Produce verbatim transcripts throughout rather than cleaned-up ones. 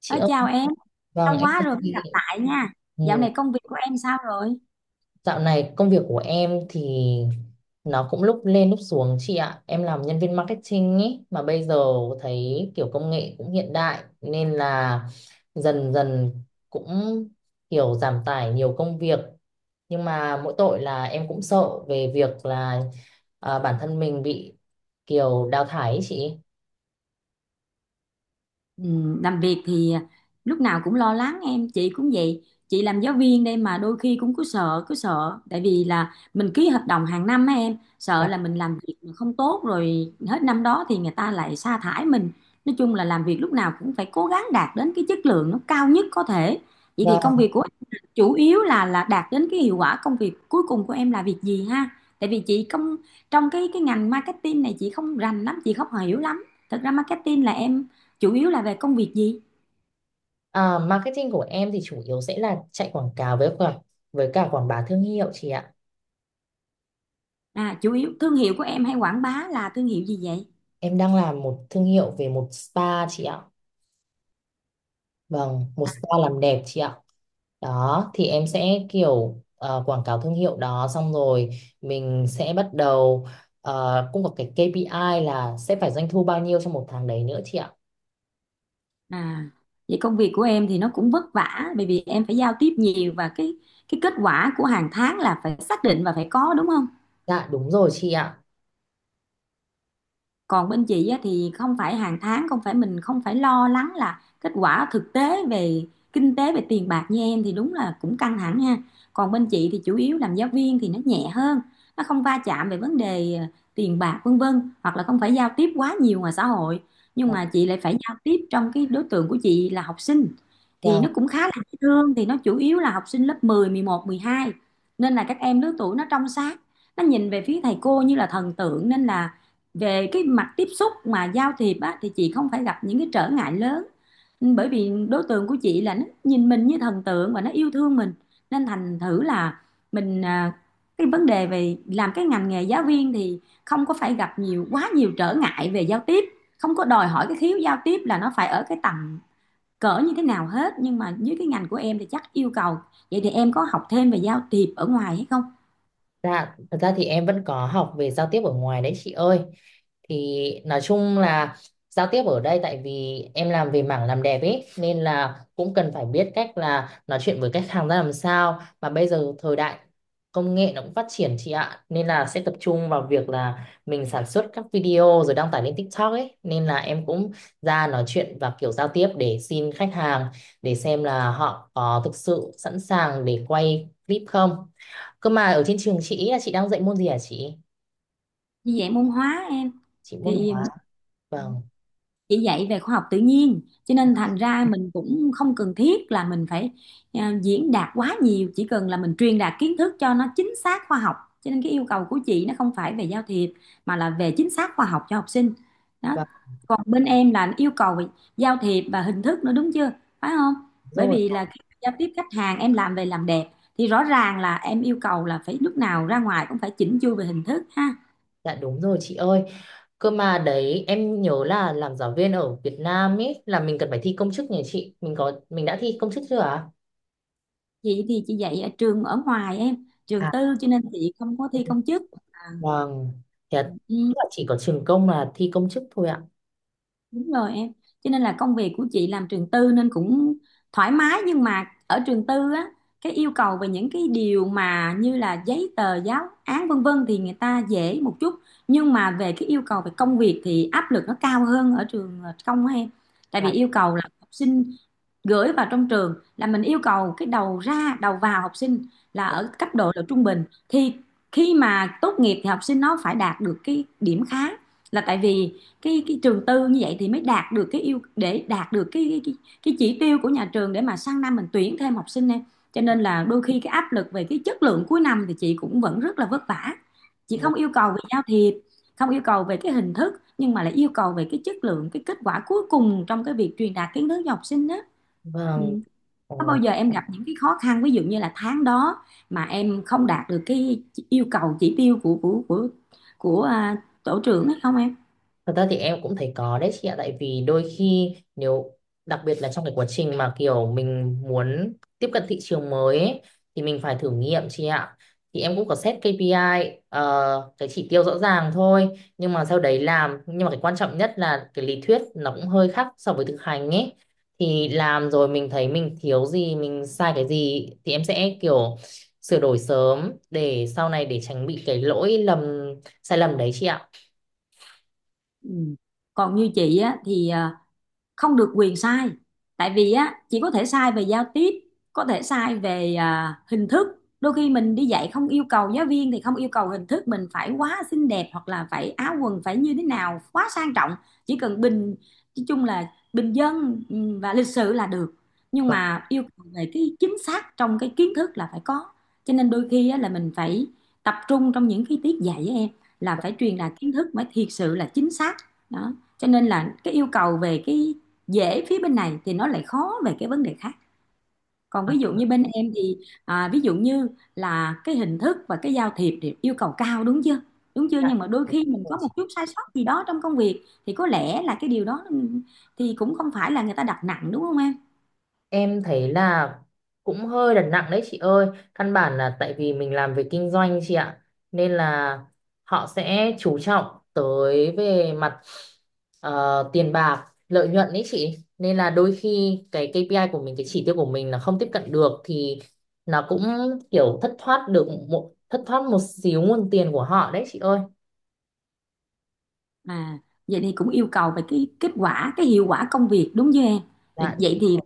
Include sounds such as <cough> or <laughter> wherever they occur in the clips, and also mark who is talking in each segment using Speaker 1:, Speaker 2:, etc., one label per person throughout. Speaker 1: Chị
Speaker 2: Nói
Speaker 1: ơi,
Speaker 2: chào em,
Speaker 1: vâng
Speaker 2: lâu
Speaker 1: em
Speaker 2: quá
Speaker 1: thưa
Speaker 2: rồi mới
Speaker 1: chị.
Speaker 2: gặp lại nha.
Speaker 1: Ừ,
Speaker 2: Dạo này công việc của em sao rồi?
Speaker 1: dạo này công việc của em thì nó cũng lúc lên lúc xuống chị ạ. Em làm nhân viên marketing ý mà bây giờ thấy kiểu công nghệ cũng hiện đại nên là dần dần cũng kiểu giảm tải nhiều công việc. Nhưng mà mỗi tội là em cũng sợ về việc là à, bản thân mình bị kiểu đào thải ý chị.
Speaker 2: Ừ, làm việc thì lúc nào cũng lo lắng em, chị cũng vậy. Chị làm giáo viên đây mà đôi khi cũng cứ sợ cứ sợ, tại vì là mình ký hợp đồng hàng năm á, em sợ
Speaker 1: Vâng.
Speaker 2: là mình làm việc mà không tốt rồi hết năm đó thì người ta lại sa thải mình. Nói chung là làm việc lúc nào cũng phải cố gắng đạt đến cái chất lượng nó cao nhất có thể. Vậy thì công việc của em chủ yếu là là đạt đến cái hiệu quả công việc, cuối cùng của em là việc gì ha? Tại vì chị không, trong cái cái ngành marketing này chị không rành lắm, chị không hiểu lắm. Thật ra marketing là em chủ yếu là về công việc gì?
Speaker 1: À, marketing của em thì chủ yếu sẽ là chạy quảng cáo với cả với cả quảng bá thương hiệu chị ạ.
Speaker 2: À, chủ yếu thương hiệu của em hay quảng bá là thương hiệu gì vậy?
Speaker 1: Em đang làm một thương hiệu về một spa chị ạ. Vâng, một
Speaker 2: à,
Speaker 1: spa làm đẹp chị ạ. Đó, thì em sẽ kiểu ờ, quảng cáo thương hiệu đó xong rồi mình sẽ bắt đầu, ờ, cũng có cái kây pi ai là sẽ phải doanh thu bao nhiêu trong một tháng đấy nữa chị ạ.
Speaker 2: à Vậy công việc của em thì nó cũng vất vả, bởi vì em phải giao tiếp nhiều và cái cái kết quả của hàng tháng là phải xác định và phải có, đúng không?
Speaker 1: Dạ đúng rồi chị ạ.
Speaker 2: Còn bên chị á, thì không phải hàng tháng, không phải mình, không phải lo lắng là kết quả thực tế về kinh tế, về tiền bạc như em, thì đúng là cũng căng thẳng ha. Còn bên chị thì chủ yếu làm giáo viên thì nó nhẹ hơn, nó không va chạm về vấn đề ờ, tiền bạc vân vân, hoặc là không phải giao tiếp quá nhiều ngoài xã hội. Nhưng mà chị lại phải giao tiếp trong cái đối tượng của chị là học sinh, thì
Speaker 1: Vâng.
Speaker 2: nó cũng khá là dễ thương. Thì nó chủ yếu là học sinh lớp mười, mười một, mười hai, nên là các em lứa tuổi nó trong sáng, nó nhìn về phía thầy cô như là thần tượng, nên là về cái mặt tiếp xúc mà giao thiệp á, thì chị không phải gặp những cái trở ngại lớn. Ừ, bởi vì đối tượng của chị là nó nhìn mình như thần tượng và nó yêu thương mình, nên thành thử là mình, à, cái vấn đề về làm cái ngành nghề giáo viên thì không có phải gặp nhiều, quá nhiều trở ngại về giao tiếp, không có đòi hỏi cái khiếu giao tiếp là nó phải ở cái tầm cỡ như thế nào hết. Nhưng mà dưới cái ngành của em thì chắc yêu cầu. Vậy thì em có học thêm về giao tiếp ở ngoài hay không?
Speaker 1: Dạ, thật ra thì em vẫn có học về giao tiếp ở ngoài đấy chị ơi. Thì nói chung là giao tiếp ở đây tại vì em làm về mảng làm đẹp ấy nên là cũng cần phải biết cách là nói chuyện với khách hàng ra làm sao. Mà bây giờ thời đại công nghệ nó cũng phát triển chị ạ. Nên là sẽ tập trung vào việc là mình sản xuất các video rồi đăng tải lên TikTok ấy. Nên là em cũng ra nói chuyện và kiểu giao tiếp để xin khách hàng, để xem là họ có thực sự sẵn sàng để quay clip không. Cơ mà ở trên trường chị ý là chị đang dạy môn gì hả chị?
Speaker 2: Như vậy môn hóa em,
Speaker 1: Chị môn
Speaker 2: thì
Speaker 1: hóa. Vâng.
Speaker 2: chỉ dạy về khoa học tự nhiên, cho nên thành ra mình cũng không cần thiết là mình phải, à, diễn đạt quá nhiều, chỉ cần là mình truyền đạt kiến thức cho nó chính xác khoa học. Cho nên cái yêu cầu của chị nó không phải về giao thiệp, mà là về chính xác khoa học cho học sinh đó.
Speaker 1: Vâng
Speaker 2: Còn bên em là yêu cầu về giao thiệp và hình thức nữa, đúng chưa, phải không? Bởi
Speaker 1: rồi.
Speaker 2: vì là khi giao tiếp khách hàng, em làm về làm đẹp, thì rõ ràng là em yêu cầu là phải lúc nào ra ngoài cũng phải chỉnh chu về hình thức ha.
Speaker 1: Dạ đúng rồi chị ơi. Cơ mà đấy em nhớ là làm giáo viên ở Việt Nam ấy là mình cần phải thi công chức nhỉ chị? Mình có mình đã thi công chức chưa ạ?
Speaker 2: Chị thì chị dạy ở trường ở ngoài em, trường
Speaker 1: À,
Speaker 2: tư, cho nên chị không có thi công chức.
Speaker 1: vâng. Thì là tức
Speaker 2: Ừ,
Speaker 1: là chỉ có trường công là thi công chức thôi ạ.
Speaker 2: đúng rồi em. Cho nên là công việc của chị làm trường tư nên cũng thoải mái, nhưng mà ở trường tư á, cái yêu cầu về những cái điều mà như là giấy tờ, giáo án vân vân thì người ta dễ một chút, nhưng mà về cái yêu cầu về công việc thì áp lực nó cao hơn ở trường công á em. Tại vì
Speaker 1: Dạ.
Speaker 2: yêu cầu là học sinh gửi vào trong trường là mình yêu cầu cái đầu ra đầu vào học sinh là ở cấp độ là trung bình, thì khi mà tốt nghiệp thì học sinh nó phải đạt được cái điểm khá. Là tại vì cái cái trường tư như vậy thì mới đạt được cái yêu, để đạt được cái cái cái, chỉ tiêu của nhà trường để mà sang năm mình tuyển thêm học sinh em. Cho nên là đôi khi cái áp lực về cái chất lượng cuối năm thì chị cũng vẫn rất là vất vả. Chị
Speaker 1: Vâng.
Speaker 2: không yêu cầu về giao thiệp, không yêu cầu về cái hình thức, nhưng mà lại yêu cầu về cái chất lượng, cái kết quả cuối cùng trong cái việc truyền đạt kiến thức cho học sinh đó. Ừ.
Speaker 1: Vâng.
Speaker 2: Có bao
Speaker 1: Ồ.
Speaker 2: giờ em gặp những cái khó khăn ví dụ như là tháng đó mà em không đạt được cái yêu cầu chỉ tiêu của của của của à, tổ trưởng ấy không em?
Speaker 1: Thật ra thì em cũng thấy có đấy chị ạ. Tại vì đôi khi nếu đặc biệt là trong cái quá trình mà kiểu mình muốn tiếp cận thị trường mới ấy, thì mình phải thử nghiệm chị ạ. Thì em cũng có set kây pi ai, ờ, cái chỉ tiêu rõ ràng thôi, nhưng mà sau đấy làm, nhưng mà cái quan trọng nhất là cái lý thuyết nó cũng hơi khác so với thực hành ấy, thì làm rồi mình thấy mình thiếu gì, mình sai cái gì thì em sẽ kiểu sửa đổi sớm để sau này để tránh bị cái lỗi lầm, sai lầm đấy chị ạ.
Speaker 2: Ừ. Còn như chị á thì à, không được quyền sai. Tại vì á, chỉ có thể sai về giao tiếp, có thể sai về à, hình thức. Đôi khi mình đi dạy không yêu cầu giáo viên, thì không yêu cầu hình thức mình phải quá xinh đẹp, hoặc là phải áo quần phải như thế nào quá sang trọng, chỉ cần bình, nói chung là bình dân, ừ, và lịch sự là được. Nhưng
Speaker 1: Vâng.
Speaker 2: mà yêu cầu về cái chính xác trong cái kiến thức là phải có. Cho nên đôi khi á, là mình phải tập trung trong những cái tiết dạy với em, là phải truyền đạt kiến thức mới thiệt sự là chính xác đó. Cho nên là cái yêu cầu về cái dễ phía bên này thì nó lại khó về cái vấn đề khác. Còn
Speaker 1: À,
Speaker 2: ví dụ như bên em thì à, ví dụ như là cái hình thức và cái giao thiệp thì yêu cầu cao, đúng chưa, đúng chưa? Nhưng mà đôi khi mình
Speaker 1: dạ,
Speaker 2: có một chút sai sót gì đó trong công việc, thì có lẽ là cái điều đó thì cũng không phải là người ta đặt nặng, đúng không em?
Speaker 1: Em thấy là cũng hơi đặt nặng đấy chị ơi. Căn bản là tại vì mình làm về kinh doanh chị ạ. Nên là họ sẽ chú trọng tới về mặt ờ, tiền bạc, lợi nhuận đấy chị. Nên là đôi khi cái kây pi ai của mình, cái chỉ tiêu của mình là không tiếp cận được thì nó cũng kiểu thất thoát được một thất thoát một xíu nguồn tiền của họ đấy chị ơi.
Speaker 2: À, vậy thì cũng yêu cầu về cái kết quả, cái hiệu quả công việc, đúng chưa em?
Speaker 1: Dạ đúng
Speaker 2: Vậy thì
Speaker 1: rồi.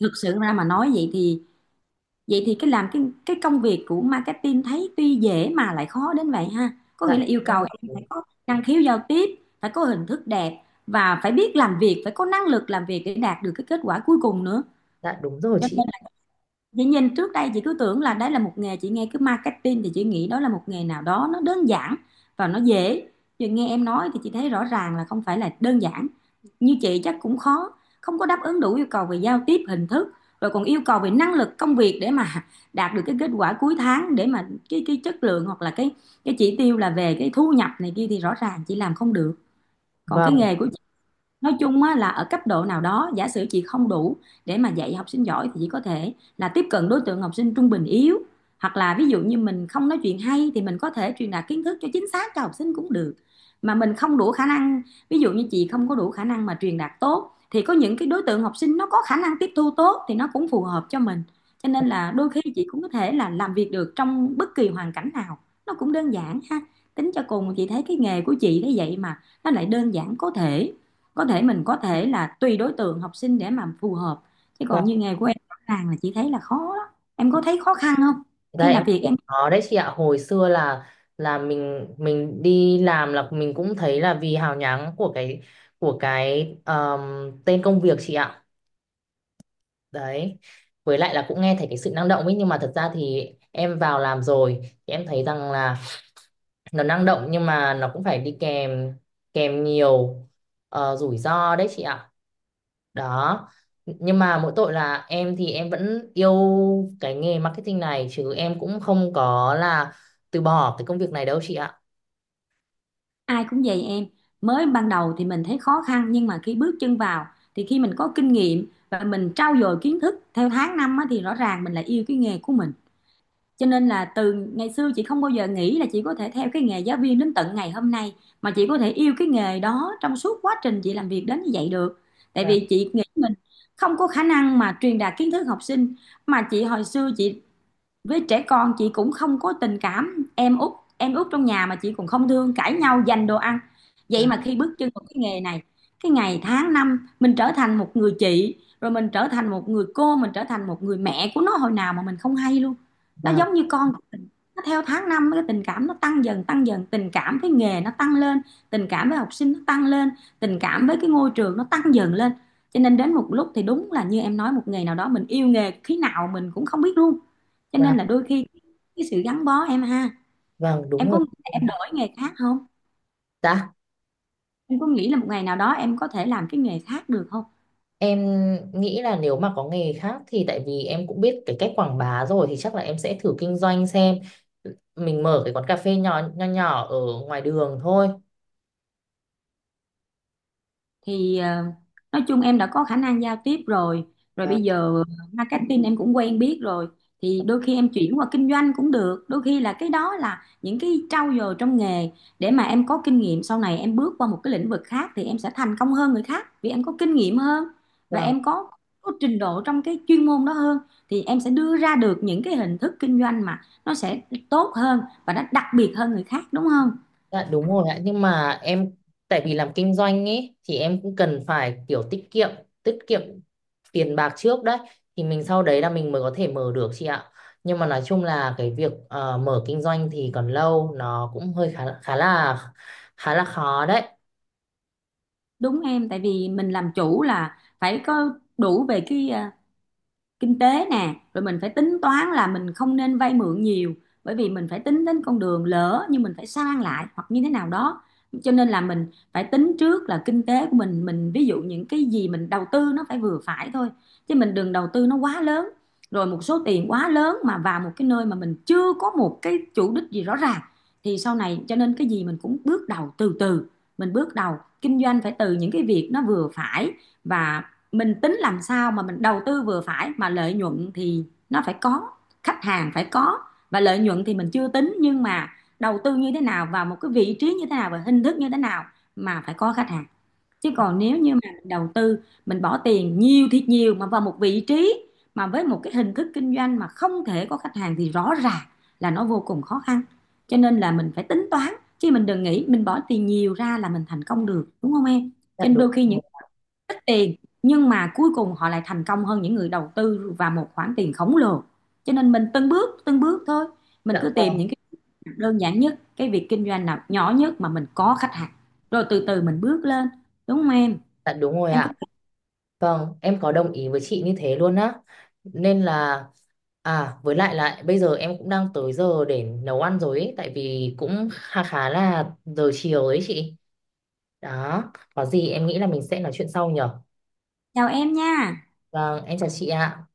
Speaker 2: thực sự ra mà nói, vậy thì, vậy thì cái làm cái cái công việc của marketing thấy tuy dễ mà lại khó đến vậy ha. Có
Speaker 1: Dạ
Speaker 2: nghĩa là yêu cầu
Speaker 1: đúng
Speaker 2: em phải
Speaker 1: rồi.
Speaker 2: có năng khiếu giao tiếp, phải có hình thức đẹp và phải biết làm việc, phải có năng lực làm việc để đạt được cái kết quả cuối cùng nữa.
Speaker 1: Dạ đúng rồi
Speaker 2: Cho
Speaker 1: chị.
Speaker 2: nên chị nhìn trước đây chị cứ tưởng là đấy là một nghề, chị nghe cứ marketing thì chị nghĩ đó là một nghề nào đó nó đơn giản và nó dễ. Giờ nghe em nói thì chị thấy rõ ràng là không phải là đơn giản, như chị chắc cũng khó, không có đáp ứng đủ yêu cầu về giao tiếp, hình thức, rồi còn yêu cầu về năng lực công việc để mà <laughs> đạt được cái kết quả cuối tháng, để mà cái cái chất lượng hoặc là cái cái chỉ tiêu là về cái thu nhập này kia, thì rõ ràng chị làm không được. Còn cái
Speaker 1: Vâng.
Speaker 2: nghề của, nói chung á, là ở cấp độ nào đó giả sử chị không đủ để mà dạy học sinh giỏi, thì chị có thể là tiếp cận đối tượng học sinh trung bình yếu, hoặc là ví dụ như mình không nói chuyện hay thì mình có thể truyền đạt kiến thức cho chính xác cho học sinh cũng được. Mà mình không đủ khả năng, ví dụ như chị không có đủ khả năng mà truyền đạt tốt, thì có những cái đối tượng học sinh nó có khả năng tiếp thu tốt thì nó cũng phù hợp cho mình. Cho nên là đôi khi chị cũng có thể là làm việc được trong bất kỳ hoàn cảnh nào, nó cũng đơn giản ha. Tính cho cùng chị thấy cái nghề của chị thế vậy mà nó lại đơn giản, có thể, có thể mình, có thể là tùy đối tượng học sinh để mà phù hợp. Chứ còn như nghề của em rõ ràng là chị thấy là khó lắm. Em có thấy khó khăn không
Speaker 1: Thật ra
Speaker 2: khi
Speaker 1: em
Speaker 2: làm việc
Speaker 1: thấy
Speaker 2: em?
Speaker 1: có đấy chị ạ. Hồi xưa là, là mình mình đi làm là mình cũng thấy là vì hào nhoáng của cái của cái um, tên công việc chị ạ. Đấy, với lại là cũng nghe thấy cái sự năng động ấy, nhưng mà thật ra thì em vào làm rồi thì em thấy rằng là nó năng động nhưng mà nó cũng phải đi kèm kèm nhiều ờ, rủi ro đấy chị ạ. Đó, nhưng mà mỗi tội là em thì em vẫn yêu cái nghề marketing này, chứ em cũng không có là từ bỏ cái công việc này đâu chị ạ.
Speaker 2: Ai cũng vậy em, mới ban đầu thì mình thấy khó khăn, nhưng mà khi bước chân vào, thì khi mình có kinh nghiệm và mình trau dồi kiến thức theo tháng năm á, thì rõ ràng mình lại yêu cái nghề của mình. Cho nên là từ ngày xưa chị không bao giờ nghĩ là chị có thể theo cái nghề giáo viên đến tận ngày hôm nay, mà chị có thể yêu cái nghề đó trong suốt quá trình chị làm việc đến như vậy được. Tại
Speaker 1: Vâng,
Speaker 2: vì chị nghĩ mình không có khả năng mà truyền đạt kiến thức học sinh. Mà chị hồi xưa chị, với trẻ con chị cũng không có tình cảm. Em út, em út trong nhà mà chị cũng không thương, cãi nhau giành đồ ăn. Vậy
Speaker 1: vâng,
Speaker 2: mà khi bước chân vào cái nghề này, cái ngày tháng năm mình trở thành một người chị, rồi mình trở thành một người cô, mình trở thành một người mẹ của nó hồi nào mà mình không hay luôn. Nó
Speaker 1: vâng,
Speaker 2: giống như con của mình, nó theo tháng năm cái tình cảm nó tăng dần tăng dần, tình cảm với nghề nó tăng lên, tình cảm với học sinh nó tăng lên, tình cảm với cái ngôi trường nó tăng dần lên. Cho nên đến một lúc thì đúng là như em nói, một ngày nào đó mình yêu nghề khi nào mình cũng không biết luôn. Cho
Speaker 1: vâng,
Speaker 2: nên là đôi khi cái sự gắn bó, em ha.
Speaker 1: vâng, đúng
Speaker 2: Em có
Speaker 1: rồi.
Speaker 2: nghĩ là em đổi nghề khác không?
Speaker 1: Dạ,
Speaker 2: Em có nghĩ là một ngày nào đó em có thể làm cái nghề khác được không?
Speaker 1: em nghĩ là nếu mà có nghề khác thì tại vì em cũng biết cái cách quảng bá rồi, thì chắc là em sẽ thử kinh doanh xem, mình mở cái quán cà phê nhỏ nho nhỏ ở ngoài đường thôi.
Speaker 2: Thì ờ, nói chung em đã có khả năng giao tiếp rồi, rồi
Speaker 1: Vâng,
Speaker 2: bây giờ marketing em cũng quen biết rồi, thì đôi khi em chuyển qua kinh doanh cũng được. Đôi khi là cái đó là những cái trau dồi trong nghề để mà em có kinh nghiệm, sau này em bước qua một cái lĩnh vực khác thì em sẽ thành công hơn người khác vì em có kinh nghiệm hơn và
Speaker 1: vâng.
Speaker 2: em có, có trình độ trong cái chuyên môn đó hơn, thì em sẽ đưa ra được những cái hình thức kinh doanh mà nó sẽ tốt hơn và nó đặc biệt hơn người khác, đúng không?
Speaker 1: Dạ đúng rồi ạ, nhưng mà em, tại vì làm kinh doanh ấy thì em cũng cần phải kiểu tiết kiệm, tiết kiệm tiền bạc trước đấy, thì mình sau đấy là mình mới có thể mở được chị ạ. Nhưng mà nói chung là cái việc ờ, mở kinh doanh thì còn lâu, nó cũng hơi khá khá là khá là khó đấy.
Speaker 2: Đúng em, tại vì mình làm chủ là phải có đủ về cái ờ, kinh tế nè, rồi mình phải tính toán là mình không nên vay mượn nhiều, bởi vì mình phải tính đến con đường lỡ như mình phải sang lại hoặc như thế nào đó. Cho nên là mình phải tính trước là kinh tế của mình mình ví dụ những cái gì mình đầu tư nó phải vừa phải thôi, chứ mình đừng đầu tư nó quá lớn, rồi một số tiền quá lớn mà vào một cái nơi mà mình chưa có một cái chủ đích gì rõ ràng thì sau này. Cho nên cái gì mình cũng bước đầu từ từ, mình bước đầu kinh doanh phải từ những cái việc nó vừa phải, và mình tính làm sao mà mình đầu tư vừa phải mà lợi nhuận thì nó phải có, khách hàng phải có. Và lợi nhuận thì mình chưa tính, nhưng mà đầu tư như thế nào vào một cái vị trí như thế nào và hình thức như thế nào mà phải có khách hàng. Chứ còn nếu như mà mình đầu tư, mình bỏ tiền nhiều thiệt nhiều mà vào một vị trí mà với một cái hình thức kinh doanh mà không thể có khách hàng, thì rõ ràng là nó vô cùng khó khăn. Cho nên là mình phải tính toán, chứ mình đừng nghĩ mình bỏ tiền nhiều ra là mình thành công được, đúng không em?
Speaker 1: Dạ
Speaker 2: Cho nên
Speaker 1: đúng
Speaker 2: đôi khi những
Speaker 1: rồi.
Speaker 2: ít tiền nhưng mà cuối cùng họ lại thành công hơn những người đầu tư và một khoản tiền khổng lồ. Cho nên mình từng bước từng bước thôi, mình
Speaker 1: Dạ
Speaker 2: cứ
Speaker 1: vâng,
Speaker 2: tìm những cái việc đơn giản nhất, cái việc kinh doanh nào nhỏ nhất mà mình có khách hàng, rồi từ từ mình bước lên, đúng không em?
Speaker 1: dạ đúng rồi
Speaker 2: Em cứ.
Speaker 1: ạ. Vâng, em có đồng ý với chị như thế luôn á. Nên là à với lại lại bây giờ em cũng đang tới giờ để nấu ăn rồi ấy, tại vì cũng khá khá là giờ chiều đấy chị. Đó, có gì em nghĩ là mình sẽ nói chuyện sau nhở.
Speaker 2: Chào em nha.
Speaker 1: Vâng, em chào chị ạ.